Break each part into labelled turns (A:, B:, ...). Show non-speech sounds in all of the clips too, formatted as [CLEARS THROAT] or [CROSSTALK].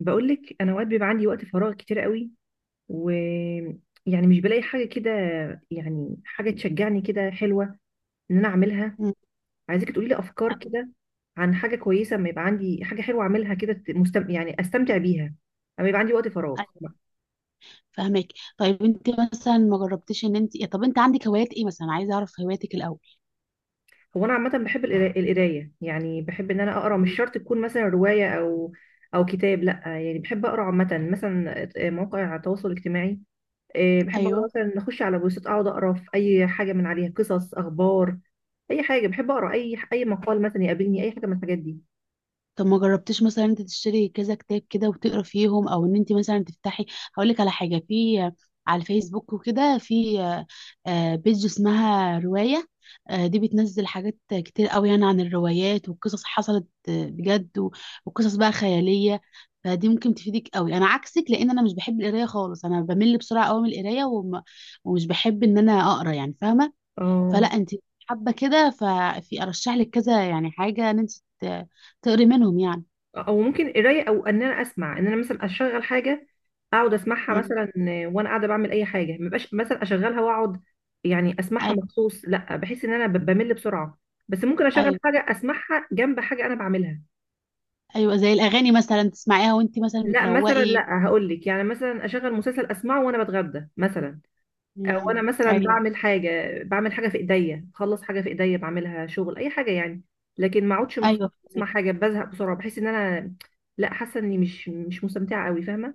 A: بقول لك انا اوقات بيبقى عندي وقت فراغ كتير قوي، ويعني مش بلاقي حاجه كده، يعني حاجه تشجعني كده حلوه ان انا اعملها.
B: مم.
A: عايزاكي تقولي لي افكار
B: ايوه،
A: كده عن حاجه كويسه اما يبقى عندي حاجه حلوه اعملها كده، ت- مستم... يعني استمتع بيها اما يبقى عندي وقت فراغ.
B: ايوه، فاهمك. طيب، انت مثلا ما جربتيش ان انت يعني، طب انت عندك هوايات ايه مثلا؟ عايزه اعرف هواياتك الاول.
A: هو انا عامه بحب القرايه، يعني بحب ان انا اقرا. مش
B: مم.
A: شرط تكون مثلا روايه او كتاب، لا، يعني بحب اقرا عامه، مثلا مواقع التواصل الاجتماعي. إيه، بحب اقرا
B: ايوه.
A: مثلا اخش على بوستات اقعد اقرا في اي حاجه من عليها، قصص، اخبار، اي حاجه، بحب اقرا اي مقال مثلا يقابلني، اي حاجه من الحاجات دي.
B: طب ما جربتيش مثلا انت تشتري كذا كتاب كده وتقرا فيهم، او ان انت مثلا تفتحي؟ هقول لك على حاجه، في على الفيسبوك وكده، في بيج اسمها روايه. دي بتنزل حاجات كتير قوي، يعني عن الروايات وقصص حصلت بجد، وقصص بقى خياليه. فدي ممكن تفيدك قوي، انا عكسك لان انا مش بحب القرايه خالص، انا بمل بسرعه قوي من القرايه ومش بحب ان انا اقرا، يعني فاهمه.
A: اه،
B: فلا انت حابه كده، ففي ارشح لك كذا يعني حاجه ان انت ت- تقري منهم يعني.
A: او ممكن قرايه او ان انا اسمع، ان انا مثلا اشغل حاجه اقعد اسمعها
B: مم.
A: مثلا وانا قاعده بعمل اي حاجه. ما بقاش مثلا اشغلها واقعد يعني اسمعها
B: ايوه.
A: مخصوص، لا، بحس ان انا بمل بسرعه. بس ممكن اشغل
B: ايوه،
A: حاجه اسمعها جنب حاجه انا بعملها.
B: ايوه زي الاغاني مثلا تسمعيها وانت مثلا
A: لا، مثلا
B: بتروقي.
A: لا، هقول لك، يعني مثلا اشغل مسلسل اسمعه وانا بتغدى مثلا.
B: مم.
A: وانا مثلا
B: ايوه.
A: بعمل حاجه، بعمل حاجه في ايديا، بخلص حاجه في ايديا بعملها، شغل اي حاجه يعني. لكن ما اقعدش
B: ايوه
A: اسمع
B: فهمك.
A: حاجه بزهق بسرعه، بحس ان انا، لا، حاسه اني مش مستمتعه قوي، فاهمه.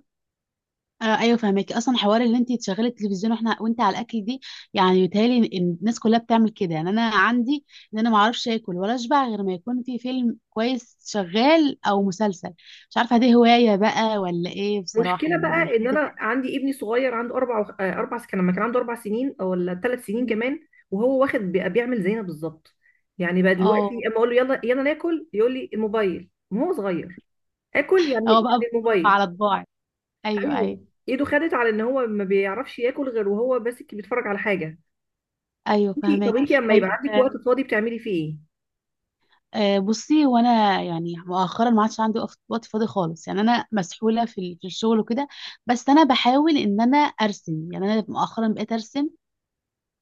B: آه ايوه فهمك، اصلا حوار اللي انت تشغلي التلفزيون واحنا وانت على الاكل دي، يعني بيتهيألي إن الناس كلها بتعمل كده، يعني انا عندي ان انا ما اعرفش اكل ولا اشبع غير ما يكون في فيلم كويس شغال او مسلسل. مش عارفه دي هوايه بقى ولا ايه؟ بصراحه
A: مشكله
B: يعني انا
A: بقى ان
B: بحب.
A: انا عندي ابني صغير عنده اربع وخ- آه، 4 سنين. لما كان عنده 4 سنين او ولا 3 سنين كمان،
B: [LAUGHS]
A: وهو واخد بيعمل زينا بالظبط. يعني بقى
B: اه.
A: دلوقتي اما اقول له يلا يلا ناكل، يقول لي الموبايل، وهو صغير، اكل يعني
B: هو بقى
A: يعني
B: بحب
A: الموبايل.
B: على طباعي. ايوه، ايوه.
A: ايوه، ايده خدت على ان هو ما بيعرفش ياكل غير وهو بس بيتفرج على حاجه.
B: ايوه
A: انتي
B: فهمك.
A: طب انتي لما يبقى
B: طيب،
A: عندك وقت فاضي بتعملي فيه ايه؟
B: بصي، وانا يعني مؤخرا ما عادش عندي وقت فاضي خالص، يعني انا مسحوله في في الشغل وكده. بس انا بحاول ان انا ارسم، يعني انا مؤخرا بقيت ارسم،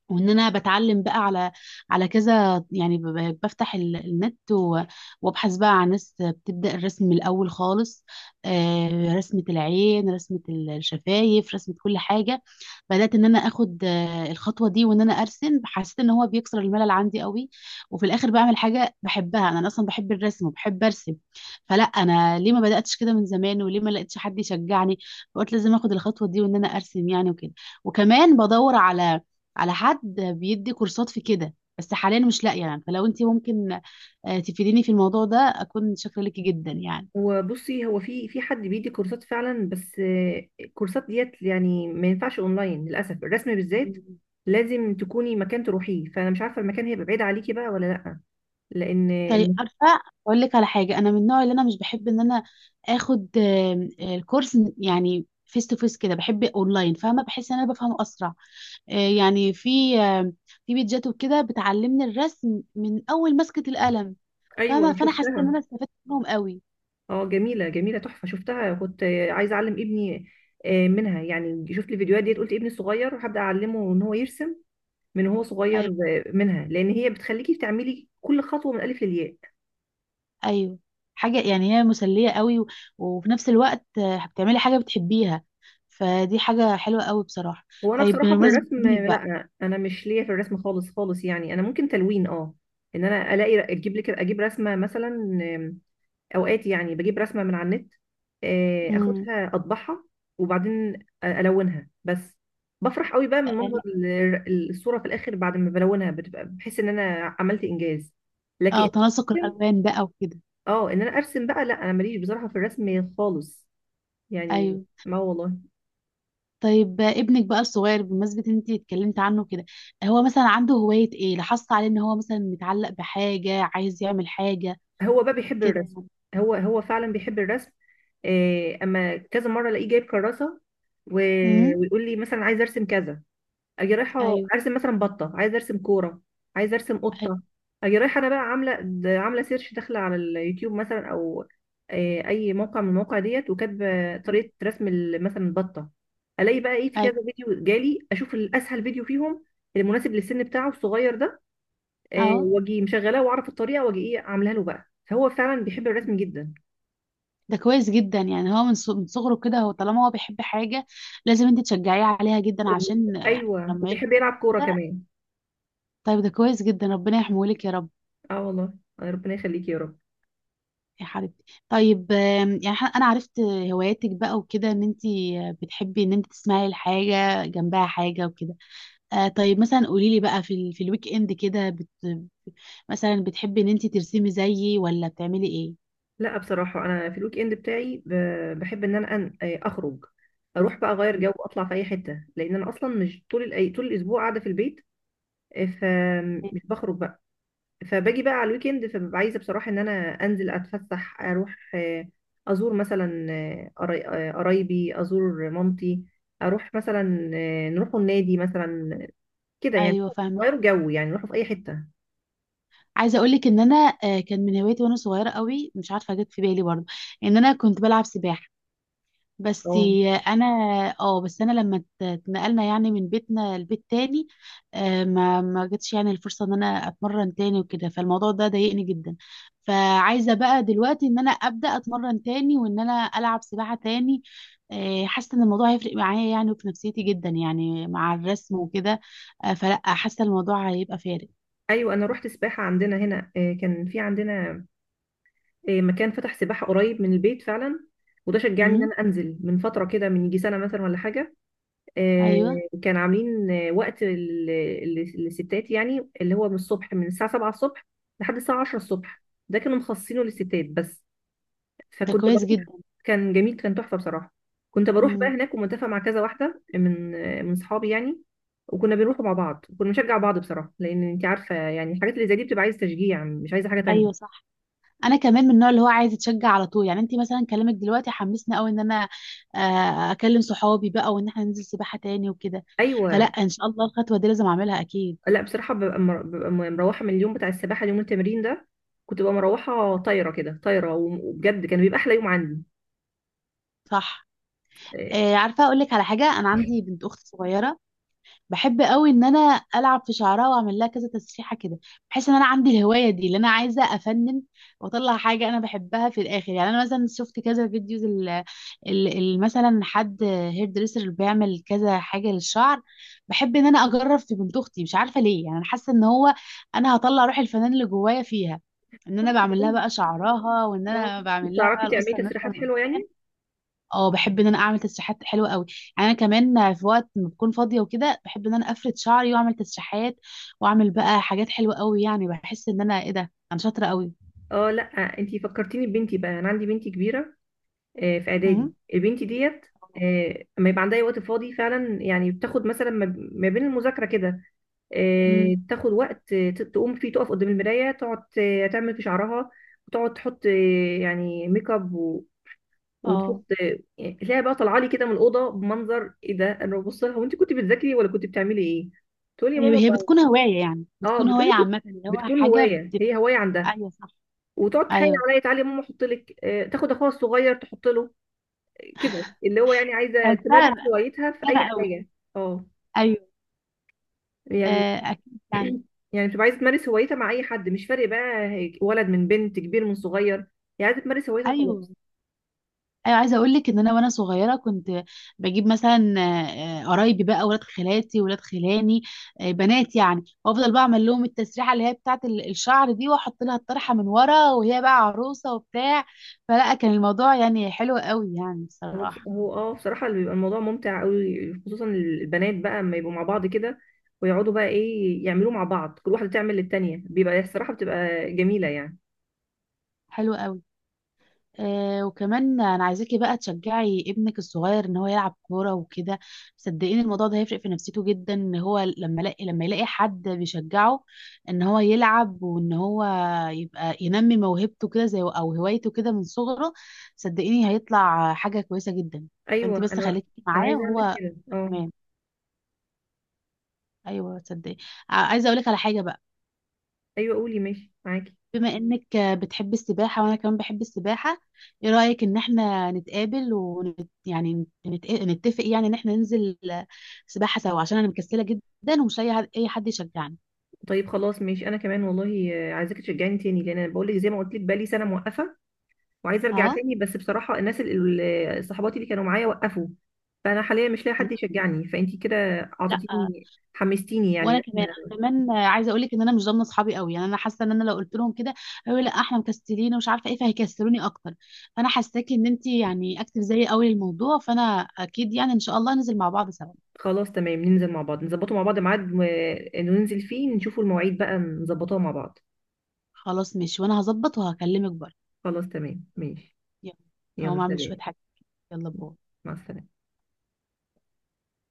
B: وان انا بتعلم بقى على كذا، يعني بفتح النت وابحث بقى عن ناس بتبدا الرسم من الاول خالص. رسمه العين، رسمه الشفايف، رسمه كل حاجه. بدات ان انا اخد الخطوه دي وان انا ارسم، حسيت ان هو بيكسر الملل عندي قوي، وفي الاخر بعمل حاجه بحبها، انا اصلا بحب الرسم وبحب ارسم. فلا انا ليه ما بداتش كده من زمان، وليه ما لقيتش حد يشجعني؟ فقلت لازم اخد الخطوه دي وان انا ارسم، يعني وكده. وكمان بدور على حد بيدي كورسات في كده، بس حاليا مش لاقيه يعني، فلو انت ممكن تفيديني في الموضوع ده اكون شاكره ليكي جدا،
A: وبصي، هو في حد بيدي كورسات فعلا، بس الكورسات ديت يعني ما ينفعش اونلاين للاسف، الرسم بالذات
B: يعني.
A: لازم تكوني مكان تروحيه. فانا مش عارفه المكان هيبقى بعيد عليكي بقى ولا لا، لان
B: طيب
A: الم-
B: عارفه، اقول لك على حاجه، انا من النوع اللي انا مش بحب ان انا اخد آم، آه، الكورس يعني فيس تو فيس كده، بحب اونلاين، فاهمه، بحس ان انا بفهمه اسرع. آه، يعني في في بيتجات وكده بتعلمني الرسم من اول مسكه القلم،
A: ايوه
B: فاهمه،
A: انا
B: فانا حسيت ان
A: شفتها.
B: انا استفدت منهم قوي.
A: اه، جميله جميله تحفه شفتها، كنت عايزه اعلم ابني منها، يعني شفت الفيديوهات ديت قلت ابني الصغير هبدا اعلمه ان هو يرسم من هو صغير
B: ايوه،
A: منها، لان هي بتخليكي تعملي كل خطوه من الالف للياء.
B: ايوه. حاجه يعني هي مسليه قوي، وفي نفس الوقت بتعملي حاجه بتحبيها، فدي حاجه حلوه قوي بصراحه.
A: هو انا
B: طيب
A: بصراحه في
B: بمناسبه
A: الرسم
B: ابنك بقى.
A: لا، انا مش ليا في الرسم خالص خالص، يعني انا ممكن تلوين، اه. ان انا الاقي اجيب لك، اجيب رسمه مثلا، آم، اوقات يعني بجيب رسمه من على النت،
B: امم.
A: اخدها اطبعها وبعدين الونها بس. بفرح قوي بقى من منظر الصوره في الاخر، بعد ما بلونها بتبقى بحس ان انا عملت انجاز. لكن
B: اه، تناسق الالوان بقى وكده.
A: اه ان انا ارسم بقى، لا، انا ماليش بصراحه في الرسم خالص يعني،
B: ايوه.
A: ما والله.
B: طيب ابنك بقى الصغير، بمناسبة ان انت اتكلمت عنه كده، هو مثلا عنده هواية ايه؟ لاحظت عليه ان هو مثلا متعلق بحاجة، عايز يعمل حاجة
A: هو بقى بيحب
B: كده
A: الرسم،
B: يعني؟
A: هو هو فعلا بيحب الرسم. إيه، اما كذا مره الاقيه جايب كراسه و...
B: امم.
A: ويقول لي مثلا عايز ارسم كذا. اجي رايحه
B: ايوه.
A: ارسم مثلا بطه، عايز ارسم كوره، عايز ارسم
B: ايوه.
A: قطه. اجي رايحه انا بقى عامله سيرش، داخله على اليوتيوب مثلا، او إيه، اي موقع من المواقع ديت، وكاتبه طريقه رسم مثلا البطه. الاقي بقى ايه، في
B: ايوه.
A: كذا فيديو جالي، اشوف الاسهل فيديو فيهم المناسب للسن بتاعه الصغير ده،
B: اهو.
A: واجي مشغلاه واعرف الطريقه واجي ايه عاملها له بقى. فهو فعلا بيحب الرسم جدا.
B: ده كويس جدا، يعني هو من صغره كده، هو طالما هو بيحب حاجة لازم انت تشجعيه عليها جدا،
A: و...
B: عشان
A: ايوه،
B: لما
A: وبيحب
B: يكبر
A: يلعب كوره
B: كده.
A: كمان.
B: طيب ده كويس جدا، ربنا يحميه لك يا رب.
A: اه والله، ربنا يخليك يا رب.
B: يا حبيبتي، طيب يعني، انا عرفت هواياتك بقى وكده، ان انت بتحبي ان انت تسمعي الحاجة جنبها حاجة وكده. آه، طيب مثلا قولي لي بقى في الويك اند كده، مثلا بتحبي ان انت ترسمي زيي، ولا بتعملي ايه؟
A: لا بصراحه انا في الويك اند بتاعي بحب ان انا أن... آه، اخرج، اروح بقى اغير
B: مم.
A: جو واطلع في اي حته، لان انا اصلا مش طول الاسبوع قاعده في البيت، فمش بخرج بقى. فباجي بقى على الويكند فببقى عايزه بصراحه ان انا انزل اتفسح اروح، ازور مثلا قرايبي، ازور مامتي، اروح مثلا نروحوا النادي مثلا، كده يعني،
B: ايوه فاهمه.
A: غير جو يعني نروحوا في اي حته.
B: عايزه اقول لك ان انا كان من هوايتي وانا صغيره قوي، مش عارفه جت في بالي برضه، ان انا كنت بلعب سباحه بس.
A: اه
B: انا اه بس انا لما اتنقلنا يعني من بيتنا لبيت تاني، ما جاتش يعني الفرصه ان انا اتمرن تاني وكده، فالموضوع ده ضايقني جدا. فعايزه بقى دلوقتي ان انا ابدا اتمرن تاني، وان انا العب سباحه تاني، حاسه ان الموضوع هيفرق معايا يعني، وفي نفسيتي جدا، يعني مع الرسم وكده، فلا حاسه الموضوع هيبقى فارق.
A: ايوه، انا روحت سباحه عندنا هنا، كان في عندنا مكان فتح سباحه قريب من البيت فعلا، وده شجعني ان
B: امم.
A: انا انزل من فتره كده، من يجي سنه مثلا ولا حاجه.
B: ايوه
A: كان عاملين وقت للستات، يعني اللي هو من الصبح، من الساعة 7 الصبح لحد الساعة 10 الصبح. ده كانوا مخصصينه للستات بس،
B: ده
A: فكنت بروح.
B: كويس جدا.
A: كان جميل، كان تحفة بصراحة. كنت بروح بقى
B: امم.
A: هناك ومتفق مع كذا واحدة من صحابي يعني، وكنا بنروح مع بعض، وكنا بنشجع بعض بصراحة، لأن أنت عارفة يعني الحاجات اللي زي دي بتبقى عايزة تشجيع، مش عايزة حاجة
B: ايوه
A: تانية.
B: صح. انا كمان من النوع اللي هو عايز يتشجع على طول، يعني انت مثلا كلامك دلوقتي حمسني قوي ان انا اكلم صحابي بقى، وان احنا ننزل سباحة تاني وكده. فلا
A: أيوة،
B: ان شاء الله الخطوة دي لازم اعملها اكيد.
A: لا بصراحة ببقى مروحة من اليوم بتاع السباحة، اليوم التمرين ده كنت ببقى مروحة طايرة كده طايرة، وبجد كان بيبقى أحلى يوم عندي.
B: صح.
A: آه،
B: عارفة اقول لك على حاجة، انا عندي بنت اخت صغيرة، بحب قوي ان انا العب في شعرها واعمل لها كذا تسريحه كده. بحس ان انا عندي الهوايه دي اللي انا عايزه افنن واطلع حاجه انا بحبها في الاخر، يعني انا مثلا شفت كذا فيديوز مثلا حد هير دريسر اللي بيعمل كذا حاجه للشعر. بحب ان انا اجرب في بنت اختي، مش عارفه ليه، يعني انا حاسه ان هو انا هطلع روح الفنان اللي جوايا فيها، ان
A: طب
B: انا بعمل لها بقى
A: كويس.
B: شعرها، وان
A: آه،
B: انا بعمل لها
A: بتعرفي
B: بقى
A: تعملي
B: القصه الناس
A: تسريحات
B: اللي
A: حلوه
B: قدام.
A: يعني؟
B: اه. بحب ان انا اعمل تسريحات حلوه قوي، يعني انا كمان في وقت ما بكون فاضيه وكده بحب ان انا افرد شعري واعمل تسريحات، واعمل بقى حاجات حلوه قوي، يعني بحس ان انا ايه ده، انا شاطره قوي.
A: اه لا، انتي فكرتيني ببنتي بقى، انا عندي بنتي كبيره، في اعدادي
B: مم.
A: البنت ديت. اما يبقى عندها أي وقت فاضي فعلا يعني، بتاخد مثلا ما بين المذاكره كده،
B: امم.
A: تاخد وقت تقوم فيه، تقف قدام المرايه، تقعد تعمل في شعرها، وتقعد تحط يعني ميك اب،
B: اه.
A: وتحط يعني، تلاقيها بقى طالعه لي كده من الاوضه بمنظر ايه ده. انا ببص لها، وانت كنت بتذاكري ولا كنت بتعملي ايه؟ تقولي يا ماما.
B: هي بتكون هوايه، يعني
A: اه
B: بتكون هوايه
A: بتقول،
B: عامه، اللي هو
A: بتكون
B: حاجه
A: هوايه، هي
B: بتبقى.
A: هوايه عندها.
B: ايوه صح.
A: وتقعد تحايل
B: ايوه
A: عليا، تعالي يا ماما احط لك، تاخد اخوها الصغير تحط له، كده، اللي هو يعني عايزه
B: بحسها
A: تمارس هوايتها في اي
B: انا قوي.
A: حاجه. اه
B: ايوه.
A: يعني
B: آه اكيد يعني.
A: [CLEARS THROAT] يعني بتبقى عايزه تمارس هوايتها مع اي حد، مش فارق بقى ولد من بنت، كبير من صغير، هي عايزه تمارس هوايتها
B: ايوه،
A: وخلاص.
B: ايوه عايزه اقول لك ان انا وانا صغيره كنت بجيب مثلا قرايبي بقى، ولاد خالاتي، ولاد خلاني، بنات يعني، وافضل بقى اعمل لهم التسريحه اللي هي بتاعه الشعر دي، واحط لها الطرحه من ورا وهي بقى عروسه وبتاع، فلا كان الموضوع يعني حلو قوي، يعني
A: هو بص-
B: بصراحه.
A: هو اه بصراحه اللي بيبقى الموضوع ممتع قوي، خصوصا البنات بقى اما يبقوا مع بعض كده ويقعدوا بقى ايه يعملوه مع بعض، كل واحده تعمل للتانيه، بيبقى الصراحه بتبقى جميله يعني.
B: حلو قوي. آه، وكمان انا عايزاكي بقى تشجعي ابنك الصغير ان هو يلعب كوره وكده، صدقيني الموضوع ده هيفرق في نفسيته جدا، ان هو لما يلاقي حد بيشجعه ان هو يلعب، وان هو يبقى ينمي موهبته كده، زي او هوايته كده من صغره. صدقيني هيطلع حاجه كويسه جدا.
A: ايوه.
B: فانت بس
A: انا
B: خليكي
A: انا
B: معاه
A: عايزه اعمل
B: وهو.
A: كده، اه.
B: تمام. ايوه صدقيني. عايزه اقول لك على حاجه بقى،
A: ايوه قولي، ماشي معاكي.
B: بما انك بتحب السباحة وانا كمان بحب السباحة، ايه رأيك ان احنا نتقابل يعني نتفق، يعني ان احنا ننزل سباحة سوا، عشان انا مكسلة جدا ومش لاقي اي حد يشجعني.
A: طيب خلاص ماشي، انا كمان والله عايزاكي تشجعني تاني، لان انا بقول لك زي ما قلت لك بقالي سنه موقفه، وعايزه ارجع
B: اه
A: تاني، بس بصراحه الناس صحباتي اللي كانوا معايا وقفوا، فانا حاليا مش لاقي حد يشجعني. فانتي كده
B: لا.
A: اعطيتيني، حمستيني يعني
B: وانا
A: إن
B: كمان،
A: إحنا.
B: انا كمان عايزه اقول لك ان انا مش ضامنه اصحابي قوي، يعني انا حاسه ان انا لو قلت لهم كده هيقولوا لا احنا مكسلين ومش عارفه ايه، فهيكسلوني اكتر. فانا حاساكي ان انت يعني اكتف زيي قوي للموضوع، فانا اكيد يعني ان شاء الله ننزل مع بعض سوا.
A: خلاص تمام، ننزل مع بعض، نظبطه مع بعض ميعاد ننزل فيه، نشوفوا المواعيد بقى نظبطوها مع بعض.
B: خلاص ماشي، وانا هظبط وهكلمك برضه.
A: خلاص تمام ماشي.
B: يلا. هقوم
A: يلا
B: اعمل شويه
A: سلام،
B: حاجات، يلا باي.
A: مع السلامه.